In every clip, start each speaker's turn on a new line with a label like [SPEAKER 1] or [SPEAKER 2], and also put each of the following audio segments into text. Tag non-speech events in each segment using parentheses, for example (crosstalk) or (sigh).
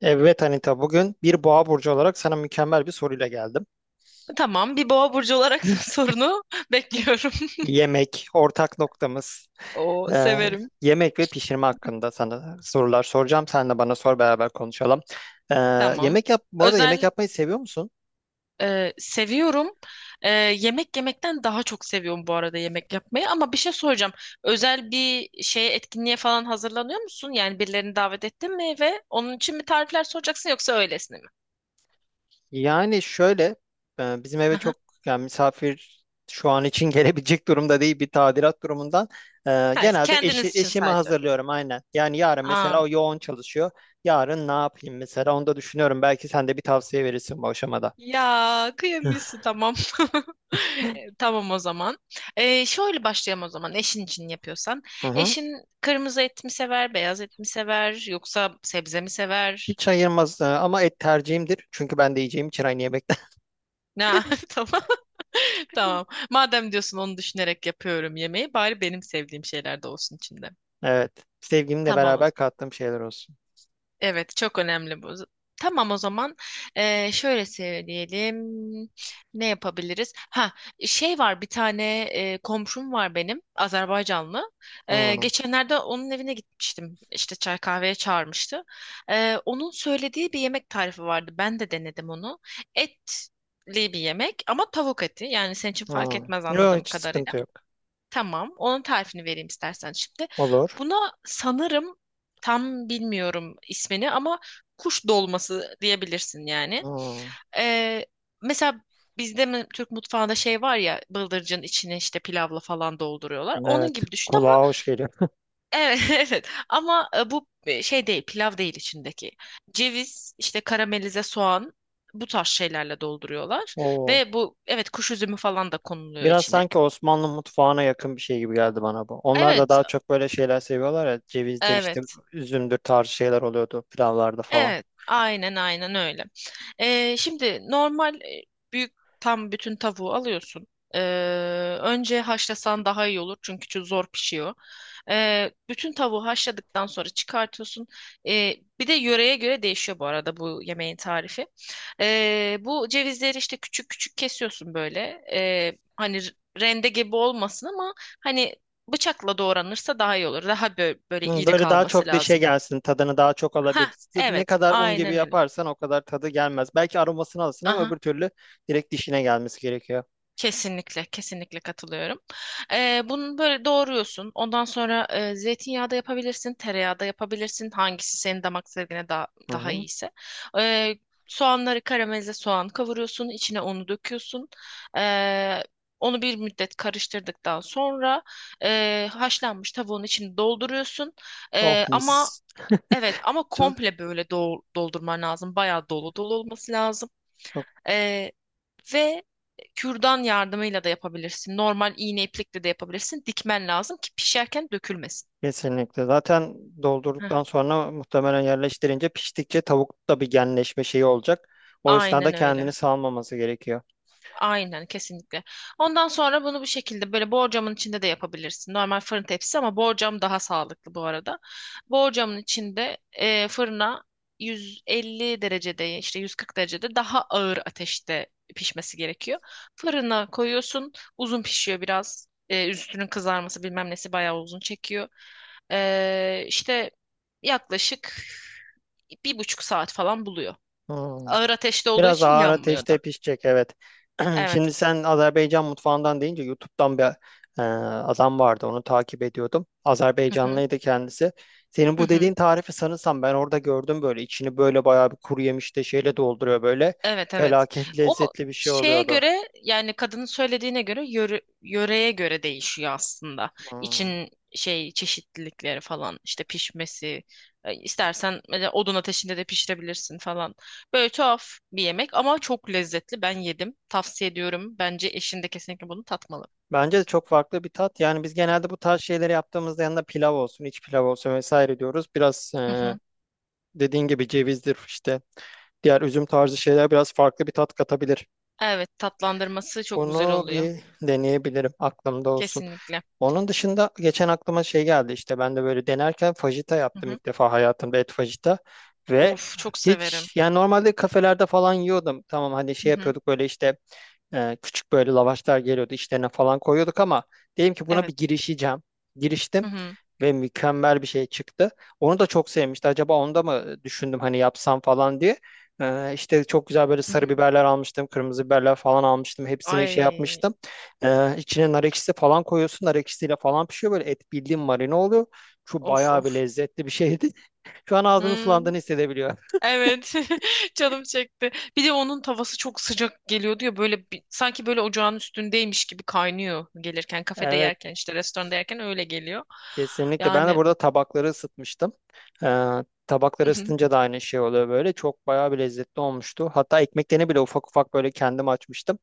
[SPEAKER 1] Evet Anita, bugün bir boğa burcu olarak sana mükemmel bir soruyla geldim.
[SPEAKER 2] Tamam, bir boğa burcu olarak (laughs) sorunu (laughs)
[SPEAKER 1] (laughs)
[SPEAKER 2] bekliyorum.
[SPEAKER 1] Yemek, ortak noktamız,
[SPEAKER 2] O
[SPEAKER 1] e,
[SPEAKER 2] severim.
[SPEAKER 1] yemek ve pişirme hakkında sana sorular soracağım. Sen de bana sor, beraber konuşalım. E,
[SPEAKER 2] Tamam.
[SPEAKER 1] Yemek yap, bu arada yemek
[SPEAKER 2] Özel
[SPEAKER 1] yapmayı seviyor musun?
[SPEAKER 2] seviyorum. Yemek yemekten daha çok seviyorum bu arada yemek yapmayı. Ama bir şey soracağım. Özel bir şeye etkinliğe falan hazırlanıyor musun? Yani birilerini davet ettin mi ve onun için mi tarifler soracaksın yoksa öylesine mi?
[SPEAKER 1] Yani şöyle, bizim eve
[SPEAKER 2] Hı hı.
[SPEAKER 1] çok, yani misafir şu an için (laughs) gelebilecek durumda değil, bir tadilat durumundan.
[SPEAKER 2] Hayır,
[SPEAKER 1] Genelde
[SPEAKER 2] kendiniz için
[SPEAKER 1] eşimi
[SPEAKER 2] sadece.
[SPEAKER 1] hazırlıyorum aynen. Yani yarın
[SPEAKER 2] Aa,
[SPEAKER 1] mesela o yoğun çalışıyor. Yarın ne yapayım mesela, onu da düşünüyorum. Belki sen de bir tavsiye verirsin bu aşamada.
[SPEAKER 2] ya kıyamıyorsun tamam. (laughs) Tamam o zaman. Şöyle başlayalım o zaman eşin için yapıyorsan.
[SPEAKER 1] Hı hı.
[SPEAKER 2] Eşin kırmızı et mi sever, beyaz et mi sever yoksa sebze mi sever?
[SPEAKER 1] Hiç ayırmaz, ama et tercihimdir. Çünkü ben de yiyeceğim için aynı yemekten. (laughs)
[SPEAKER 2] Ne? (laughs) Tamam. (laughs) Tamam. Madem diyorsun onu düşünerek yapıyorum yemeği bari benim sevdiğim şeyler de olsun içinde.
[SPEAKER 1] Evet. Sevgimle
[SPEAKER 2] Tamam.
[SPEAKER 1] beraber kattığım şeyler olsun.
[SPEAKER 2] Evet, çok önemli bu. Tamam o zaman, şöyle söyleyelim. Ne yapabiliriz? Ha, şey var bir tane, komşum var benim Azerbaycanlı.
[SPEAKER 1] Hı,
[SPEAKER 2] Geçenlerde onun evine gitmiştim. İşte çay kahveye çağırmıştı. Onun söylediği bir yemek tarifi vardı. Ben de denedim onu. Etli bir yemek ama tavuk eti. Yani senin için fark
[SPEAKER 1] hı.
[SPEAKER 2] etmez
[SPEAKER 1] Yok,
[SPEAKER 2] anladığım
[SPEAKER 1] hiç
[SPEAKER 2] kadarıyla.
[SPEAKER 1] sıkıntı yok.
[SPEAKER 2] Tamam. Onun tarifini vereyim istersen şimdi.
[SPEAKER 1] Olur.
[SPEAKER 2] Buna sanırım, tam bilmiyorum ismini ama, kuş dolması diyebilirsin yani.
[SPEAKER 1] Hı.
[SPEAKER 2] Ee, mesela bizde mi, Türk mutfağında şey var ya, bıldırcın içine işte pilavla falan dolduruyorlar. Onun
[SPEAKER 1] Evet.
[SPEAKER 2] gibi düşün ama
[SPEAKER 1] Kulağa hoş geliyor.
[SPEAKER 2] evet, (laughs) evet ama bu şey değil, pilav değil içindeki. Ceviz işte, karamelize soğan, bu tarz şeylerle dolduruyorlar
[SPEAKER 1] Oo.
[SPEAKER 2] ve bu, evet, kuş üzümü falan da konuluyor
[SPEAKER 1] Biraz
[SPEAKER 2] içine.
[SPEAKER 1] sanki Osmanlı mutfağına yakın bir şey gibi geldi bana bu. Onlar da
[SPEAKER 2] Evet,
[SPEAKER 1] daha çok böyle şeyler seviyorlar ya. Cevizdir işte,
[SPEAKER 2] evet.
[SPEAKER 1] üzümdür tarzı şeyler oluyordu pilavlarda falan.
[SPEAKER 2] Evet, aynen aynen öyle. Şimdi normal büyük, tam bütün tavuğu alıyorsun. Ee, önce haşlasan daha iyi olur çünkü çok zor pişiyor. Bütün tavuğu haşladıktan sonra çıkartıyorsun. Bir de yöreye göre değişiyor bu arada bu yemeğin tarifi. Bu cevizleri işte küçük küçük kesiyorsun böyle. Hani rende gibi olmasın ama hani bıçakla doğranırsa daha iyi olur. Daha böyle
[SPEAKER 1] Hı,
[SPEAKER 2] iri
[SPEAKER 1] böyle daha
[SPEAKER 2] kalması
[SPEAKER 1] çok dişe
[SPEAKER 2] lazım.
[SPEAKER 1] gelsin, tadını daha çok
[SPEAKER 2] Ha,
[SPEAKER 1] alabilirsin. Ne
[SPEAKER 2] evet,
[SPEAKER 1] kadar un gibi
[SPEAKER 2] aynen öyle.
[SPEAKER 1] yaparsan o kadar tadı gelmez. Belki aromasını alırsın ama öbür
[SPEAKER 2] Aha,
[SPEAKER 1] türlü direkt dişine gelmesi gerekiyor.
[SPEAKER 2] kesinlikle, kesinlikle katılıyorum. Bunu böyle doğruyorsun. Ondan sonra zeytinyağı da yapabilirsin, tereyağı da yapabilirsin. Hangisi senin damak zevkine daha,
[SPEAKER 1] Hı
[SPEAKER 2] daha
[SPEAKER 1] hı.
[SPEAKER 2] iyiyse. Ee, soğanları, karamelize soğan kavuruyorsun, içine unu döküyorsun. Ee, onu bir müddet karıştırdıktan sonra haşlanmış tavuğun içini dolduruyorsun.
[SPEAKER 1] Oh
[SPEAKER 2] Ama
[SPEAKER 1] mis.
[SPEAKER 2] evet, ama
[SPEAKER 1] Çok-
[SPEAKER 2] komple böyle doldurman lazım. Bayağı dolu dolu olması lazım. Ee, ve kürdan yardımıyla da yapabilirsin. Normal iğne iplikle de yapabilirsin. Dikmen lazım ki pişerken dökülmesin.
[SPEAKER 1] kesinlikle. Zaten
[SPEAKER 2] Heh,
[SPEAKER 1] doldurduktan sonra muhtemelen yerleştirince, piştikçe tavukta bir genleşme şeyi olacak. O esnada
[SPEAKER 2] aynen
[SPEAKER 1] kendini
[SPEAKER 2] öyle.
[SPEAKER 1] salmaması gerekiyor.
[SPEAKER 2] Aynen kesinlikle. Ondan sonra bunu bu şekilde böyle borcamın içinde de yapabilirsin. Normal fırın tepsisi ama borcam daha sağlıklı bu arada. Borcamın içinde fırına, 150 derecede, işte 140 derecede, daha ağır ateşte pişmesi gerekiyor. Fırına koyuyorsun. Uzun pişiyor biraz. Üstünün kızarması bilmem nesi bayağı uzun çekiyor. İşte yaklaşık 1,5 saat falan buluyor.
[SPEAKER 1] Hmm.
[SPEAKER 2] Ağır ateşte olduğu
[SPEAKER 1] Biraz
[SPEAKER 2] için
[SPEAKER 1] ağır
[SPEAKER 2] yanmıyor
[SPEAKER 1] ateşte
[SPEAKER 2] da.
[SPEAKER 1] pişecek, evet. (clears throat)
[SPEAKER 2] Evet.
[SPEAKER 1] Şimdi sen Azerbaycan mutfağından deyince, YouTube'dan bir, adam vardı. Onu takip ediyordum.
[SPEAKER 2] Hı hı.
[SPEAKER 1] Azerbaycanlıydı kendisi. Senin
[SPEAKER 2] Hı
[SPEAKER 1] bu
[SPEAKER 2] hı.
[SPEAKER 1] dediğin tarifi sanırsam ben orada gördüm böyle. İçini böyle bayağı bir kuru yemişte şeyle dolduruyor böyle.
[SPEAKER 2] Evet evet.
[SPEAKER 1] Felaket (laughs)
[SPEAKER 2] O
[SPEAKER 1] lezzetli bir şey
[SPEAKER 2] şeye
[SPEAKER 1] oluyordu.
[SPEAKER 2] göre, yani kadının söylediğine göre, yöreye göre değişiyor aslında.
[SPEAKER 1] Hmm.
[SPEAKER 2] İçin şey çeşitlilikleri falan, işte pişmesi, istersen mesela odun ateşinde de pişirebilirsin falan. Böyle tuhaf bir yemek ama çok lezzetli. Ben yedim. Tavsiye ediyorum. Bence eşin de kesinlikle bunu tatmalı.
[SPEAKER 1] Bence de çok farklı bir tat. Yani biz genelde bu tarz şeyleri yaptığımızda, yanında pilav olsun, iç pilav olsun vesaire diyoruz. Biraz,
[SPEAKER 2] Hı hı.
[SPEAKER 1] dediğin gibi cevizdir işte. Diğer üzüm tarzı şeyler biraz farklı bir tat katabilir.
[SPEAKER 2] Evet, tatlandırması çok güzel
[SPEAKER 1] Bunu
[SPEAKER 2] oluyor.
[SPEAKER 1] bir deneyebilirim. Aklımda olsun.
[SPEAKER 2] Kesinlikle.
[SPEAKER 1] Onun dışında geçen aklıma şey geldi işte. Ben de böyle denerken fajita
[SPEAKER 2] Hı
[SPEAKER 1] yaptım,
[SPEAKER 2] hı.
[SPEAKER 1] ilk defa hayatımda, et fajita. Ve
[SPEAKER 2] Of, çok severim.
[SPEAKER 1] hiç yani, normalde kafelerde falan yiyordum. Tamam, hani
[SPEAKER 2] Hı
[SPEAKER 1] şey
[SPEAKER 2] hı.
[SPEAKER 1] yapıyorduk, böyle işte küçük böyle lavaşlar geliyordu, içlerine falan koyuyorduk ama dedim ki buna
[SPEAKER 2] Evet.
[SPEAKER 1] bir girişeceğim.
[SPEAKER 2] Hı
[SPEAKER 1] Giriştim
[SPEAKER 2] hı.
[SPEAKER 1] ve mükemmel bir şey çıktı. Onu da çok sevmişti. Acaba onu da mı düşündüm hani, yapsam falan diye. İşte çok güzel böyle
[SPEAKER 2] Hı
[SPEAKER 1] sarı
[SPEAKER 2] hı.
[SPEAKER 1] biberler almıştım. Kırmızı biberler falan almıştım. Hepsini şey
[SPEAKER 2] Ay,
[SPEAKER 1] yapmıştım. İçine nar ekşisi falan koyuyorsun. Nar ekşisiyle falan pişiyor. Böyle et, bildiğin marine oluyor. Şu
[SPEAKER 2] of
[SPEAKER 1] bayağı bir
[SPEAKER 2] of.
[SPEAKER 1] lezzetli bir şeydi. (laughs) Şu an ağzını
[SPEAKER 2] Hmm.
[SPEAKER 1] sulandığını hissedebiliyor.
[SPEAKER 2] Evet. (laughs) Canım çekti. Bir de onun tavası çok sıcak geliyordu ya, böyle sanki böyle ocağın üstündeymiş gibi kaynıyor, gelirken kafede
[SPEAKER 1] Evet.
[SPEAKER 2] yerken, işte restoranda yerken öyle geliyor.
[SPEAKER 1] Kesinlikle. Ben de
[SPEAKER 2] Yani
[SPEAKER 1] burada tabakları ısıtmıştım. Ee, Tabakları
[SPEAKER 2] hı hı.
[SPEAKER 1] ısıtınca da aynı şey oluyor böyle. Çok bayağı bir lezzetli olmuştu. Hatta ekmeklerini bile ufak ufak böyle kendim açmıştım.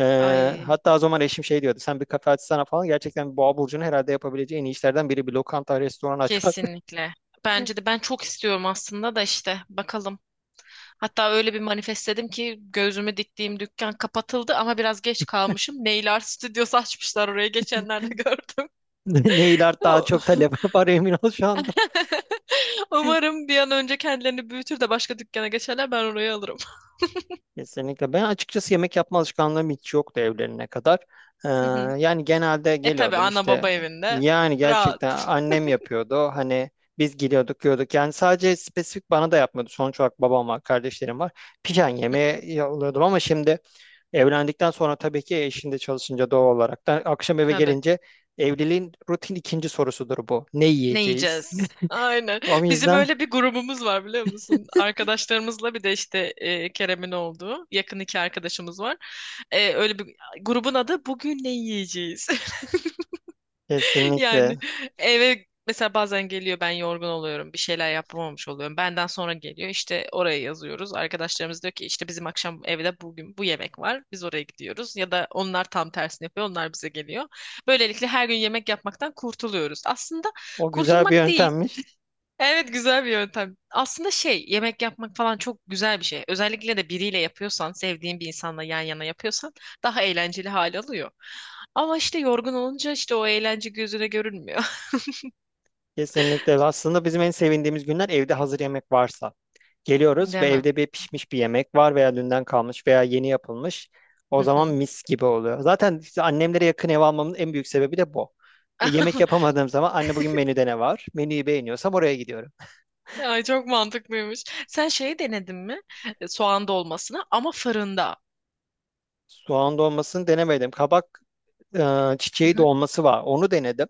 [SPEAKER 2] Ay,
[SPEAKER 1] Hatta o zaman eşim şey diyordu. Sen bir kafe açsana falan. Gerçekten Boğa Burcu'nun herhalde yapabileceği en iyi işlerden biri bir lokanta, restoran açmak. (laughs)
[SPEAKER 2] kesinlikle. Bence de, ben çok istiyorum aslında da, işte bakalım. Hatta öyle bir manifestledim ki, gözümü diktiğim dükkan kapatıldı ama biraz geç kalmışım. Nail Art Studios açmışlar oraya geçenlerde (laughs) gördüm.
[SPEAKER 1] Ne iler daha çok
[SPEAKER 2] (laughs)
[SPEAKER 1] talep (laughs) var, emin ol şu anda.
[SPEAKER 2] Umarım bir an önce kendilerini büyütür de başka dükkana geçerler, ben orayı alırım.
[SPEAKER 1] Kesinlikle. Ben açıkçası yemek yapma alışkanlığım hiç yoktu evlenene kadar. Ee,
[SPEAKER 2] Hı hı.
[SPEAKER 1] Yani genelde
[SPEAKER 2] E tabii,
[SPEAKER 1] geliyordum
[SPEAKER 2] ana
[SPEAKER 1] işte,
[SPEAKER 2] baba evinde
[SPEAKER 1] yani gerçekten
[SPEAKER 2] rahat.
[SPEAKER 1] annem yapıyordu. Hani biz geliyorduk, yiyorduk. Yani sadece spesifik bana da yapmıyordu. Sonuç olarak babam var, kardeşlerim var. Pijen yemeği yolluyordum ama şimdi, evlendikten sonra tabii ki, eşinde çalışınca doğal olarak da akşam eve
[SPEAKER 2] Tabii.
[SPEAKER 1] gelince, evliliğin rutin ikinci sorusudur bu. Ne
[SPEAKER 2] Ne
[SPEAKER 1] yiyeceğiz?
[SPEAKER 2] yiyeceğiz? Aynen.
[SPEAKER 1] (laughs) O
[SPEAKER 2] Bizim
[SPEAKER 1] yüzden
[SPEAKER 2] öyle bir grubumuz var, biliyor musun? Arkadaşlarımızla, bir de işte Kerem'in olduğu yakın iki arkadaşımız var. Öyle bir, grubun adı bugün ne yiyeceğiz? (laughs)
[SPEAKER 1] kesinlikle,
[SPEAKER 2] Yani eve mesela bazen geliyor, ben yorgun oluyorum, bir şeyler yapamamış oluyorum. Benden sonra geliyor, işte oraya yazıyoruz. Arkadaşlarımız diyor ki işte, bizim akşam evde bugün bu yemek var, biz oraya gidiyoruz. Ya da onlar tam tersini yapıyor, onlar bize geliyor. Böylelikle her gün yemek yapmaktan kurtuluyoruz. Aslında
[SPEAKER 1] o güzel bir
[SPEAKER 2] kurtulmak değil.
[SPEAKER 1] yöntem.
[SPEAKER 2] Evet, güzel bir yöntem. Aslında şey, yemek yapmak falan çok güzel bir şey. Özellikle de biriyle yapıyorsan, sevdiğin bir insanla yan yana yapıyorsan, daha eğlenceli hal alıyor. Ama işte yorgun olunca, işte o eğlence gözüne görünmüyor.
[SPEAKER 1] Kesinlikle. Aslında bizim en sevindiğimiz günler evde hazır yemek varsa. Geliyoruz ve
[SPEAKER 2] Değil mi?
[SPEAKER 1] evde bir pişmiş bir yemek var, veya dünden kalmış veya yeni yapılmış. O
[SPEAKER 2] Hı
[SPEAKER 1] zaman
[SPEAKER 2] hı.
[SPEAKER 1] mis gibi oluyor. Zaten işte annemlere yakın ev almamın en büyük sebebi de bu. Yemek
[SPEAKER 2] (laughs)
[SPEAKER 1] yapamadığım zaman, anne bugün menüde ne var? Menüyü beğeniyorsam oraya gidiyorum.
[SPEAKER 2] Ay, çok mantıklıymış. Sen şeyi denedin mi? Soğan dolmasını, ama fırında.
[SPEAKER 1] Soğan dolmasını denemedim. Kabak,
[SPEAKER 2] Hı
[SPEAKER 1] çiçeği
[SPEAKER 2] hı.
[SPEAKER 1] dolması var. Onu denedim.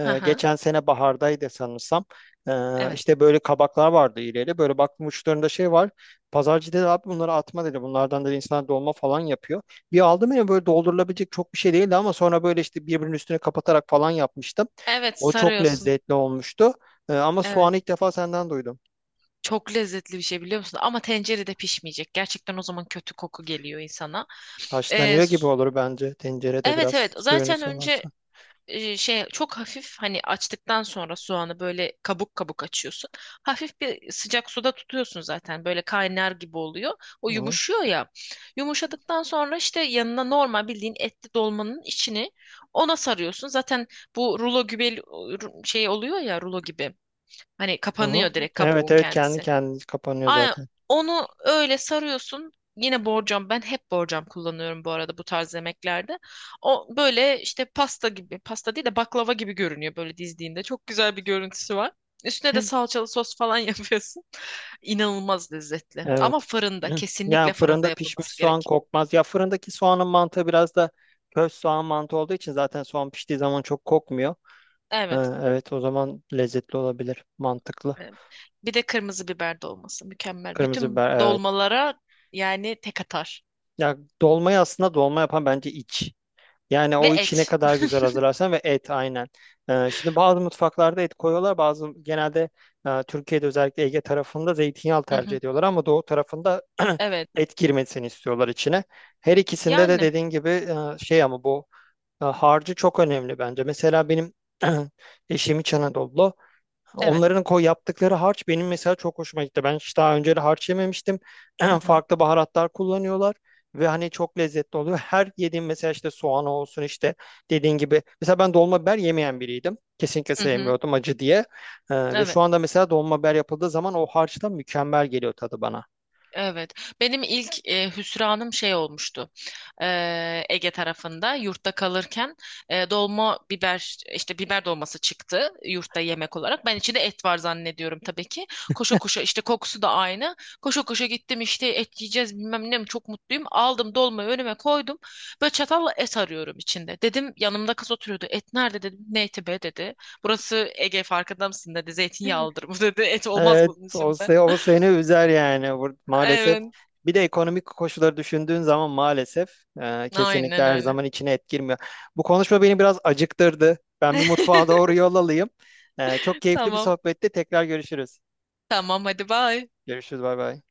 [SPEAKER 2] Hı hı.
[SPEAKER 1] Geçen sene bahardaydı sanırsam. E,
[SPEAKER 2] Evet.
[SPEAKER 1] işte böyle kabaklar vardı ileri. Böyle baktım uçlarında şey var. Pazarcı dedi abi bunları atma dedi. Bunlardan da insanlar dolma falan yapıyor. Bir aldım ya, böyle doldurulabilecek çok bir şey değildi ama sonra böyle işte birbirinin üstüne kapatarak falan yapmıştım.
[SPEAKER 2] Evet,
[SPEAKER 1] O çok
[SPEAKER 2] sarıyorsun.
[SPEAKER 1] lezzetli olmuştu. Ama
[SPEAKER 2] Evet.
[SPEAKER 1] soğanı ilk defa senden duydum.
[SPEAKER 2] Çok lezzetli bir şey, biliyor musun? Ama tencerede pişmeyecek. Gerçekten o zaman kötü koku geliyor insana. E,
[SPEAKER 1] Haşlanıyor gibi
[SPEAKER 2] s-
[SPEAKER 1] olur bence, tencerede
[SPEAKER 2] evet
[SPEAKER 1] biraz
[SPEAKER 2] evet.
[SPEAKER 1] suyunu
[SPEAKER 2] Zaten önce,
[SPEAKER 1] salarsan.
[SPEAKER 2] şey çok hafif, hani açtıktan sonra soğanı böyle kabuk kabuk açıyorsun. Hafif bir sıcak suda tutuyorsun, zaten böyle kaynar gibi oluyor. O
[SPEAKER 1] Hı hı.
[SPEAKER 2] yumuşuyor ya. Yumuşadıktan sonra, işte yanına normal bildiğin etli dolmanın içini ona sarıyorsun. Zaten bu rulo gibi şey oluyor ya, rulo gibi. Hani
[SPEAKER 1] Hı hı.
[SPEAKER 2] kapanıyor direkt
[SPEAKER 1] Evet,
[SPEAKER 2] kabuğun
[SPEAKER 1] evet, kendi
[SPEAKER 2] kendisi.
[SPEAKER 1] kendini kapanıyor
[SPEAKER 2] Aynen
[SPEAKER 1] zaten.
[SPEAKER 2] onu öyle sarıyorsun. Yine borcam, ben hep borcam kullanıyorum bu arada bu tarz yemeklerde. O böyle işte pasta gibi, pasta değil de baklava gibi görünüyor böyle dizdiğinde. Çok güzel bir görüntüsü var. Üstüne de salçalı sos falan (laughs) yapıyorsun. İnanılmaz lezzetli. Ama
[SPEAKER 1] Evet.
[SPEAKER 2] fırında,
[SPEAKER 1] Hı. Yani
[SPEAKER 2] kesinlikle fırında
[SPEAKER 1] fırında pişmiş
[SPEAKER 2] yapılması
[SPEAKER 1] soğan
[SPEAKER 2] gerek.
[SPEAKER 1] kokmaz. Ya fırındaki soğanın mantığı biraz da köz soğan mantığı olduğu için, zaten soğan piştiği zaman çok kokmuyor.
[SPEAKER 2] Evet.
[SPEAKER 1] Ha, evet, o zaman lezzetli olabilir. Mantıklı.
[SPEAKER 2] Evet. Bir de kırmızı biber dolması mükemmel.
[SPEAKER 1] Kırmızı
[SPEAKER 2] Bütün
[SPEAKER 1] biber, evet.
[SPEAKER 2] dolmalara yani tek atar.
[SPEAKER 1] Ya dolmayı aslında dolma yapan bence iç. Yani
[SPEAKER 2] Ve
[SPEAKER 1] o içi ne
[SPEAKER 2] et.
[SPEAKER 1] kadar güzel hazırlarsan, ve et aynen. Şimdi bazı mutfaklarda et koyuyorlar. Bazı genelde, Türkiye'de özellikle Ege tarafında zeytinyağı
[SPEAKER 2] Hı
[SPEAKER 1] tercih
[SPEAKER 2] hı.
[SPEAKER 1] ediyorlar, ama doğu tarafında
[SPEAKER 2] Evet.
[SPEAKER 1] (clears throat) et girmesini istiyorlar içine. Her ikisinde de
[SPEAKER 2] Yani
[SPEAKER 1] dediğin gibi, e, şey ama bu harcı çok önemli bence. Mesela benim (clears throat) eşim İç Anadolu.
[SPEAKER 2] evet.
[SPEAKER 1] Onların koy yaptıkları harç benim mesela çok hoşuma gitti. Ben hiç daha önce de harç yememiştim.
[SPEAKER 2] Hı
[SPEAKER 1] (clears throat)
[SPEAKER 2] hı.
[SPEAKER 1] Farklı baharatlar kullanıyorlar ve hani çok lezzetli oluyor. Her yediğim mesela işte, soğan olsun işte, dediğin gibi. Mesela ben dolma biber yemeyen biriydim. Kesinlikle
[SPEAKER 2] Hı hı.
[SPEAKER 1] sevmiyordum acı diye. Ve şu
[SPEAKER 2] Evet.
[SPEAKER 1] anda mesela dolma biber yapıldığı zaman o harçtan mükemmel geliyor tadı bana.
[SPEAKER 2] Evet. Benim ilk hüsranım şey olmuştu. Ege tarafında yurtta kalırken, dolma biber, işte biber dolması çıktı yurtta yemek olarak. Ben içinde et var zannediyorum tabii ki. Koşa koşa, işte kokusu da aynı. Koşa koşa gittim, işte et yiyeceğiz bilmem ne, çok mutluyum. Aldım dolmayı önüme koydum. Böyle çatalla et arıyorum içinde. Dedim, yanımda kız oturuyordu. Et nerede dedim. Ne eti be dedi. Burası Ege, farkında mısın dedi. Zeytinyağlıdır bu (laughs) dedi. Et olmaz
[SPEAKER 1] Evet,
[SPEAKER 2] bunun içinde.
[SPEAKER 1] o seni üzer yani. Maalesef.
[SPEAKER 2] Evet.
[SPEAKER 1] Bir de ekonomik koşulları düşündüğün zaman, maalesef kesinlikle
[SPEAKER 2] Aynen
[SPEAKER 1] her
[SPEAKER 2] öyle.
[SPEAKER 1] zaman içine et girmiyor. Bu konuşma beni biraz acıktırdı. Ben bir mutfağa doğru
[SPEAKER 2] (laughs)
[SPEAKER 1] yol alayım. Çok keyifli bir
[SPEAKER 2] Tamam.
[SPEAKER 1] sohbetti. Tekrar görüşürüz.
[SPEAKER 2] Tamam, hadi bye.
[SPEAKER 1] Görüşürüz, bay bay.